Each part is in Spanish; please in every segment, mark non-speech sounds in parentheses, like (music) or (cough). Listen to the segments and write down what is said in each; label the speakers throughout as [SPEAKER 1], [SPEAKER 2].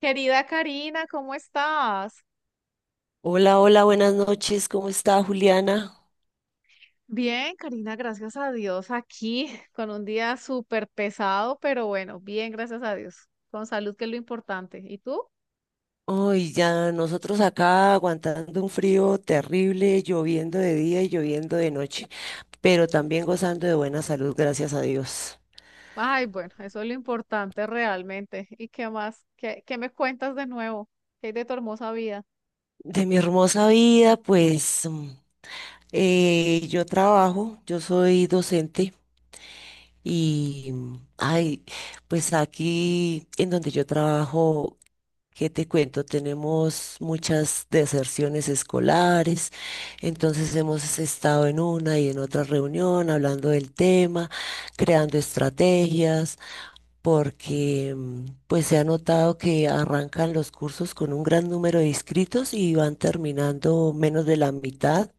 [SPEAKER 1] Querida Karina, ¿cómo estás?
[SPEAKER 2] Hola, hola, buenas noches. ¿Cómo está Juliana?
[SPEAKER 1] Bien, Karina, gracias a Dios, aquí (laughs) con un día súper pesado, pero bueno, bien, gracias a Dios, con salud que es lo importante. ¿Y tú?
[SPEAKER 2] Hoy ya nosotros acá aguantando un frío terrible, lloviendo de día y lloviendo de noche, pero también gozando de buena salud, gracias a Dios.
[SPEAKER 1] Ay, bueno, eso es lo importante realmente. ¿Y qué más? ¿¿Qué me cuentas de nuevo? ¿Qué hay de tu hermosa vida?
[SPEAKER 2] De mi hermosa vida, pues yo trabajo, yo soy docente y, ay, pues aquí en donde yo trabajo. ¿Qué te cuento? Tenemos muchas deserciones escolares, entonces hemos estado en una y en otra reunión hablando del tema, creando estrategias, porque pues se ha notado que arrancan los cursos con un gran número de inscritos y van terminando menos de la mitad.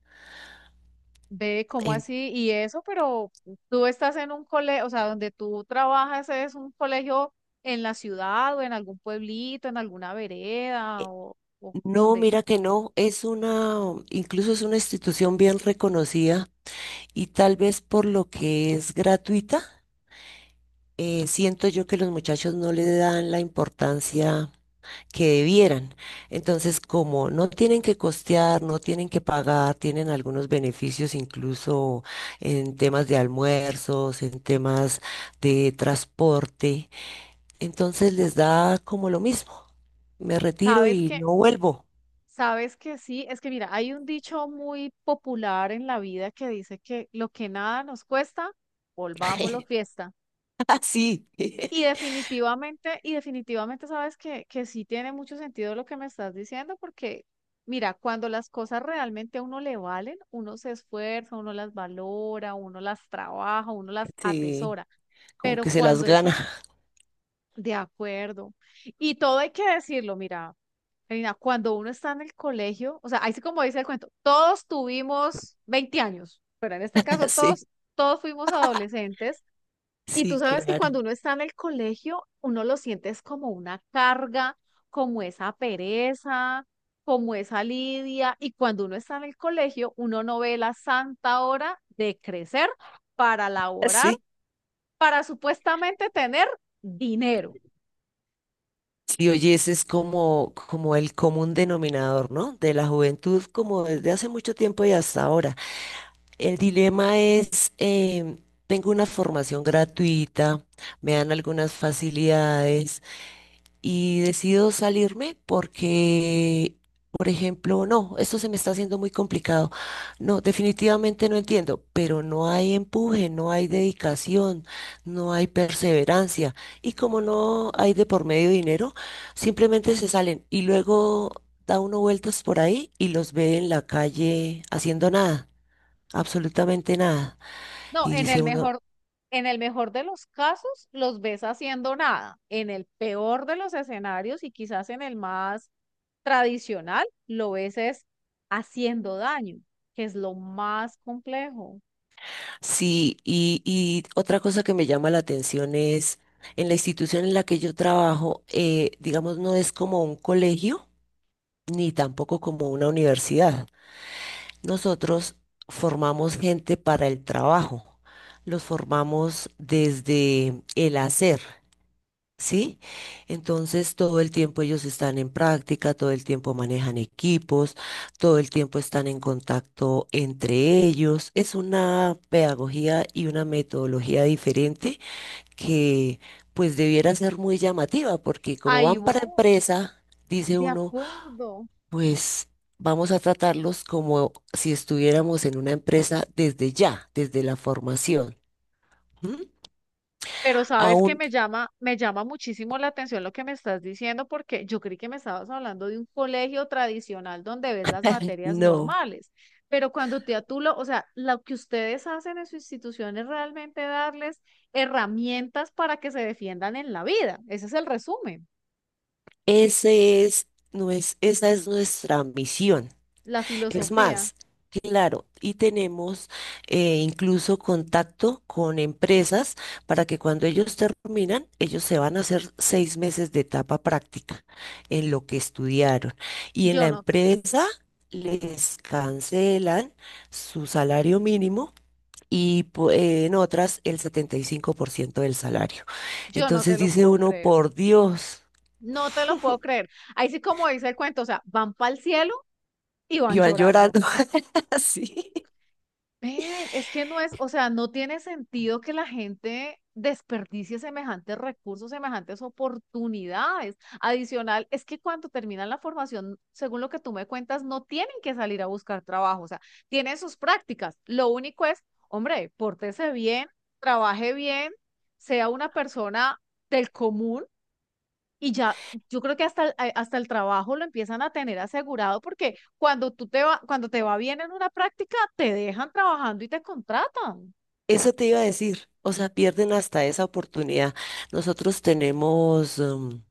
[SPEAKER 1] Ve, ¿cómo
[SPEAKER 2] En-
[SPEAKER 1] así? Y eso, pero tú estás en un colegio, o sea, donde tú trabajas es un colegio en la ciudad o en algún pueblito, en alguna vereda o
[SPEAKER 2] no,
[SPEAKER 1] dónde.
[SPEAKER 2] mira que no, es una, incluso es una institución bien reconocida y tal vez por lo que es gratuita, siento yo que los muchachos no le dan la importancia que debieran. Entonces, como no tienen que costear, no tienen que pagar, tienen algunos beneficios incluso en temas de almuerzos, en temas de transporte, entonces les da como lo mismo. Me retiro
[SPEAKER 1] ¿Sabes
[SPEAKER 2] y
[SPEAKER 1] qué?
[SPEAKER 2] no vuelvo.
[SPEAKER 1] Sabes que sí, es que mira, hay un dicho muy popular en la vida que dice que lo que nada nos cuesta, volvámoslo
[SPEAKER 2] (laughs)
[SPEAKER 1] fiesta.
[SPEAKER 2] Así.
[SPEAKER 1] Y
[SPEAKER 2] (laughs)
[SPEAKER 1] definitivamente, y definitivamente sabes que sí tiene mucho sentido lo que me estás diciendo, porque mira, cuando las cosas realmente a uno le valen, uno se esfuerza, uno las valora, uno las trabaja, uno las
[SPEAKER 2] Sí,
[SPEAKER 1] atesora.
[SPEAKER 2] como
[SPEAKER 1] Pero
[SPEAKER 2] que se las
[SPEAKER 1] cuando eso
[SPEAKER 2] gana.
[SPEAKER 1] de acuerdo. Y todo hay que decirlo, mira, Karina, cuando uno está en el colegio, o sea, ahí sí como dice el cuento, todos tuvimos 20 años, pero en este caso
[SPEAKER 2] (laughs) Sí,
[SPEAKER 1] todos, todos fuimos adolescentes. Y
[SPEAKER 2] sí,
[SPEAKER 1] tú sabes que
[SPEAKER 2] claro.
[SPEAKER 1] cuando uno está en el colegio, uno lo sientes como una carga, como esa pereza, como esa lidia. Y cuando uno está en el colegio, uno no ve la santa hora de crecer para
[SPEAKER 2] (laughs)
[SPEAKER 1] laborar,
[SPEAKER 2] Sí.
[SPEAKER 1] para supuestamente tener dinero.
[SPEAKER 2] Si oyes, es como, como el común denominador, ¿no? De la juventud, como desde hace mucho tiempo y hasta ahora. El dilema es, tengo una formación gratuita, me dan algunas facilidades, y decido salirme porque, por ejemplo, no, esto se me está haciendo muy complicado. No, definitivamente no entiendo, pero no hay empuje, no hay dedicación, no hay perseverancia. Y como no hay de por medio dinero, simplemente se salen y luego da uno vueltas por ahí y los ve en la calle haciendo nada, absolutamente nada.
[SPEAKER 1] No,
[SPEAKER 2] Y
[SPEAKER 1] en
[SPEAKER 2] dice
[SPEAKER 1] el
[SPEAKER 2] uno,
[SPEAKER 1] mejor, En el mejor de los casos los ves haciendo nada. En el peor de los escenarios y quizás en el más tradicional, lo ves es haciendo daño, que es lo más complejo.
[SPEAKER 2] sí, y otra cosa que me llama la atención es, en la institución en la que yo trabajo, digamos, no es como un colegio ni tampoco como una universidad. Nosotros formamos gente para el trabajo, los formamos desde el hacer. ¿Sí? Entonces, todo el tiempo ellos están en práctica, todo el tiempo manejan equipos, todo el tiempo están en contacto entre ellos. Es una pedagogía y una metodología diferente que pues debiera ser muy llamativa, porque como
[SPEAKER 1] Ahí
[SPEAKER 2] van
[SPEAKER 1] voy,
[SPEAKER 2] para empresa, dice
[SPEAKER 1] de
[SPEAKER 2] uno,
[SPEAKER 1] acuerdo.
[SPEAKER 2] pues... Vamos a tratarlos como si estuviéramos en una empresa desde ya, desde la formación. ¿Mm?
[SPEAKER 1] Pero sabes que
[SPEAKER 2] Aún
[SPEAKER 1] me llama muchísimo la atención lo que me estás diciendo, porque yo creí que me estabas hablando de un colegio tradicional donde ves las materias
[SPEAKER 2] no.
[SPEAKER 1] normales. Pero cuando te atulo, o sea, lo que ustedes hacen en su institución es realmente darles herramientas para que se defiendan en la vida. Ese es el resumen,
[SPEAKER 2] Ese es, no es, esa es nuestra misión.
[SPEAKER 1] la
[SPEAKER 2] Es
[SPEAKER 1] filosofía.
[SPEAKER 2] más, claro, y tenemos, incluso contacto con empresas para que cuando ellos terminan, ellos se van a hacer 6 meses de etapa práctica en lo que estudiaron. Y en la
[SPEAKER 1] Yo no te,
[SPEAKER 2] empresa les cancelan su salario mínimo. Y en otras el 75% del salario.
[SPEAKER 1] yo no te
[SPEAKER 2] Entonces
[SPEAKER 1] lo
[SPEAKER 2] dice
[SPEAKER 1] puedo
[SPEAKER 2] uno,
[SPEAKER 1] creer.
[SPEAKER 2] por Dios.
[SPEAKER 1] No te lo puedo creer. Ahí sí, como dice el cuento, o sea, van para el cielo y van
[SPEAKER 2] Iban
[SPEAKER 1] llorando.
[SPEAKER 2] llorando (laughs) así.
[SPEAKER 1] Ven, es que no es, o sea, no tiene sentido que la gente desperdicie semejantes recursos, semejantes oportunidades. Adicional, es que cuando terminan la formación, según lo que tú me cuentas, no tienen que salir a buscar trabajo, o sea, tienen sus prácticas. Lo único es, hombre, pórtese bien, trabaje bien, sea una persona del común y ya, yo creo que hasta el trabajo lo empiezan a tener asegurado porque cuando te va bien en una práctica, te dejan trabajando y te contratan.
[SPEAKER 2] Eso te iba a decir. O sea, pierden hasta esa oportunidad. Nosotros tenemos,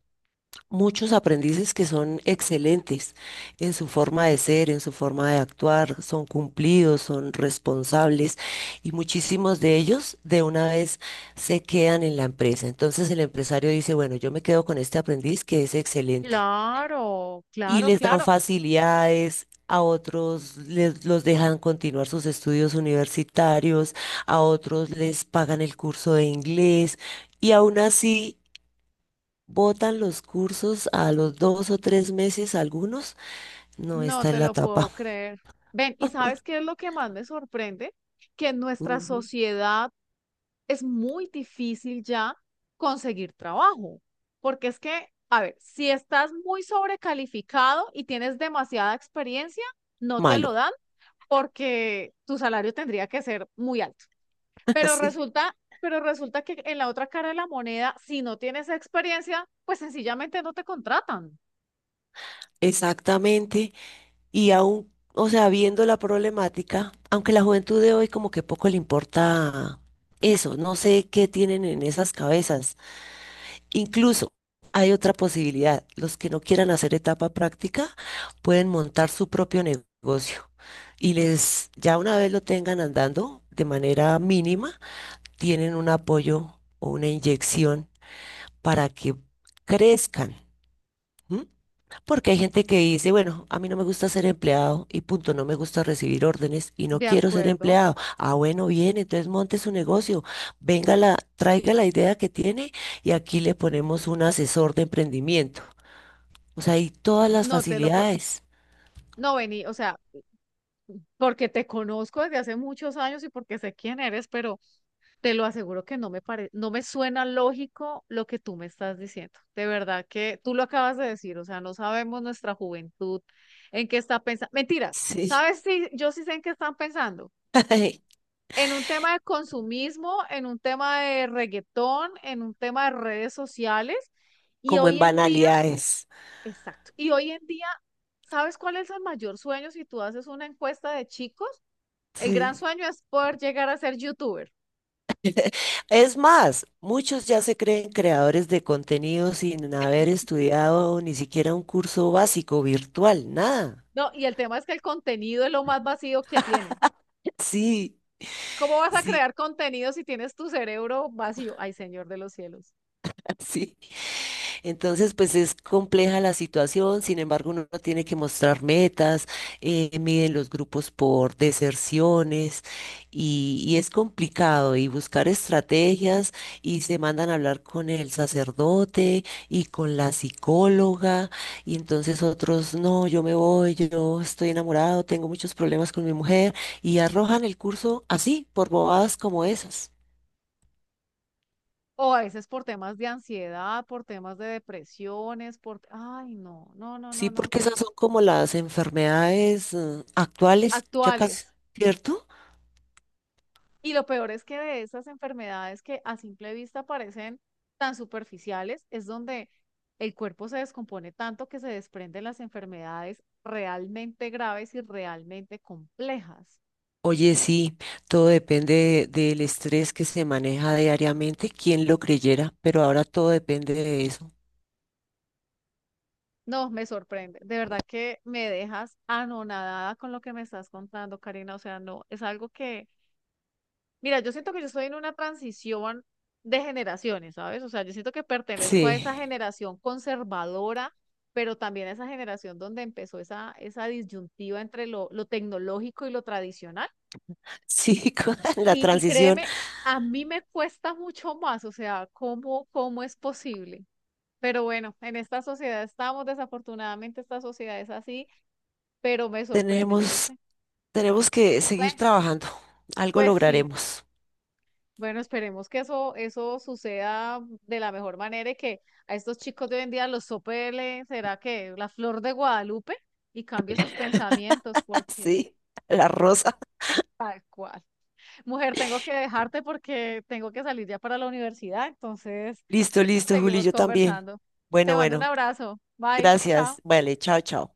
[SPEAKER 2] muchos aprendices que son excelentes en su forma de ser, en su forma de actuar, son cumplidos, son responsables y muchísimos de ellos de una vez se quedan en la empresa. Entonces el empresario dice, bueno, yo me quedo con este aprendiz que es excelente.
[SPEAKER 1] Claro,
[SPEAKER 2] Y
[SPEAKER 1] claro,
[SPEAKER 2] les dan
[SPEAKER 1] claro.
[SPEAKER 2] facilidades. A otros les, los dejan continuar sus estudios universitarios, a otros les pagan el curso de inglés y aún así botan los cursos a los 2 o 3 meses algunos. No
[SPEAKER 1] No
[SPEAKER 2] está en
[SPEAKER 1] te
[SPEAKER 2] la
[SPEAKER 1] lo puedo
[SPEAKER 2] etapa.
[SPEAKER 1] creer. Ven, ¿y sabes qué es lo que más me sorprende? Que en nuestra
[SPEAKER 2] Ujú.
[SPEAKER 1] sociedad es muy difícil ya conseguir trabajo. Porque es que, a ver, si estás muy sobrecalificado y tienes demasiada experiencia, no te
[SPEAKER 2] Malo.
[SPEAKER 1] lo dan porque tu salario tendría que ser muy alto.
[SPEAKER 2] (laughs)
[SPEAKER 1] Pero
[SPEAKER 2] Sí,
[SPEAKER 1] resulta, pero resulta que en la otra cara de la moneda, si no tienes experiencia, pues sencillamente no te contratan.
[SPEAKER 2] exactamente. Y aún, o sea, viendo la problemática, aunque la juventud de hoy como que poco le importa eso, no sé qué tienen en esas cabezas. Incluso hay otra posibilidad. Los que no quieran hacer etapa práctica pueden montar su propio negocio y les, ya una vez lo tengan andando de manera mínima, tienen un apoyo o una inyección para que crezcan. ¿M? Porque hay gente que dice, bueno, a mí no me gusta ser empleado y punto, no me gusta recibir órdenes y no
[SPEAKER 1] De
[SPEAKER 2] quiero ser
[SPEAKER 1] acuerdo,
[SPEAKER 2] empleado. Ah, bueno, bien, entonces monte su negocio, venga la, traiga la idea que tiene y aquí le ponemos un asesor de emprendimiento. O sea, hay todas las
[SPEAKER 1] no te lo puedo,
[SPEAKER 2] facilidades,
[SPEAKER 1] no vení, o sea, porque te conozco desde hace muchos años y porque sé quién eres, pero te lo aseguro que no me suena lógico lo que tú me estás diciendo. De verdad que tú lo acabas de decir, o sea, no sabemos nuestra juventud en qué está pensando. Mentiras,
[SPEAKER 2] sí,
[SPEAKER 1] ¿sabes si yo sí sé en qué están pensando?
[SPEAKER 2] (laughs)
[SPEAKER 1] En un tema de consumismo, en un tema de reggaetón, en un tema de redes sociales. Y
[SPEAKER 2] como en
[SPEAKER 1] hoy en día,
[SPEAKER 2] banalidades.
[SPEAKER 1] exacto, y hoy en día, ¿sabes cuál es el mayor sueño si tú haces una encuesta de chicos? El gran
[SPEAKER 2] Sí.
[SPEAKER 1] sueño es poder llegar a ser youtuber.
[SPEAKER 2] Es más, muchos ya se creen creadores de contenido sin haber estudiado ni siquiera un curso básico virtual, nada.
[SPEAKER 1] No, y el tema es que el contenido es lo más vacío que tienen.
[SPEAKER 2] Sí,
[SPEAKER 1] ¿Cómo vas a
[SPEAKER 2] sí,
[SPEAKER 1] crear contenido si tienes tu cerebro vacío? Ay, Señor de los cielos.
[SPEAKER 2] (laughs) sí. Entonces, pues es compleja la situación, sin embargo, uno tiene que mostrar metas, miden los grupos por deserciones y es complicado y buscar estrategias y se mandan a hablar con el sacerdote y con la psicóloga y entonces otros, no, yo me voy, yo estoy enamorado, tengo muchos problemas con mi mujer y arrojan el curso así, por bobadas como esas.
[SPEAKER 1] O a veces por temas de ansiedad, por temas de depresiones, por... Ay, no, no, no, no,
[SPEAKER 2] Sí,
[SPEAKER 1] no.
[SPEAKER 2] porque esas son como las enfermedades, actuales, ya casi,
[SPEAKER 1] Actuales,
[SPEAKER 2] ¿cierto?
[SPEAKER 1] y lo peor es que de esas enfermedades que a simple vista parecen tan superficiales, es donde el cuerpo se descompone tanto que se desprenden las enfermedades realmente graves y realmente complejas.
[SPEAKER 2] Oye, sí, todo depende del estrés que se maneja diariamente, quién lo creyera, pero ahora todo depende de eso.
[SPEAKER 1] No, me sorprende. De verdad que me dejas anonadada con lo que me estás contando, Karina. O sea, no, es algo que mira, yo siento que yo estoy en una transición de generaciones, ¿sabes? O sea, yo siento que
[SPEAKER 2] Sí,
[SPEAKER 1] pertenezco a esa generación conservadora, pero también a esa generación donde empezó esa disyuntiva entre lo tecnológico y lo tradicional.
[SPEAKER 2] sí, (laughs) con la
[SPEAKER 1] Y
[SPEAKER 2] transición.
[SPEAKER 1] créeme, a mí me cuesta mucho más, o sea, ¿¿cómo es posible? Pero bueno, en esta sociedad estamos, desafortunadamente esta sociedad es así, pero me sorprende, yo no
[SPEAKER 2] tenemos,
[SPEAKER 1] sé.
[SPEAKER 2] Tenemos que seguir
[SPEAKER 1] Bueno,
[SPEAKER 2] trabajando, algo
[SPEAKER 1] pues sí.
[SPEAKER 2] lograremos.
[SPEAKER 1] Bueno, esperemos que eso suceda de la mejor manera y que a estos chicos de hoy en día será que la flor de Guadalupe y cambie sus pensamientos,
[SPEAKER 2] (laughs)
[SPEAKER 1] porque
[SPEAKER 2] Sí, la rosa.
[SPEAKER 1] tal cual. Mujer, tengo que dejarte porque tengo que salir ya para la universidad, entonces
[SPEAKER 2] Listo, listo, Juli,
[SPEAKER 1] seguimos
[SPEAKER 2] yo también.
[SPEAKER 1] conversando. Te
[SPEAKER 2] Bueno,
[SPEAKER 1] mando un
[SPEAKER 2] bueno,
[SPEAKER 1] abrazo. Bye, chao.
[SPEAKER 2] gracias. Vale, chao, chao.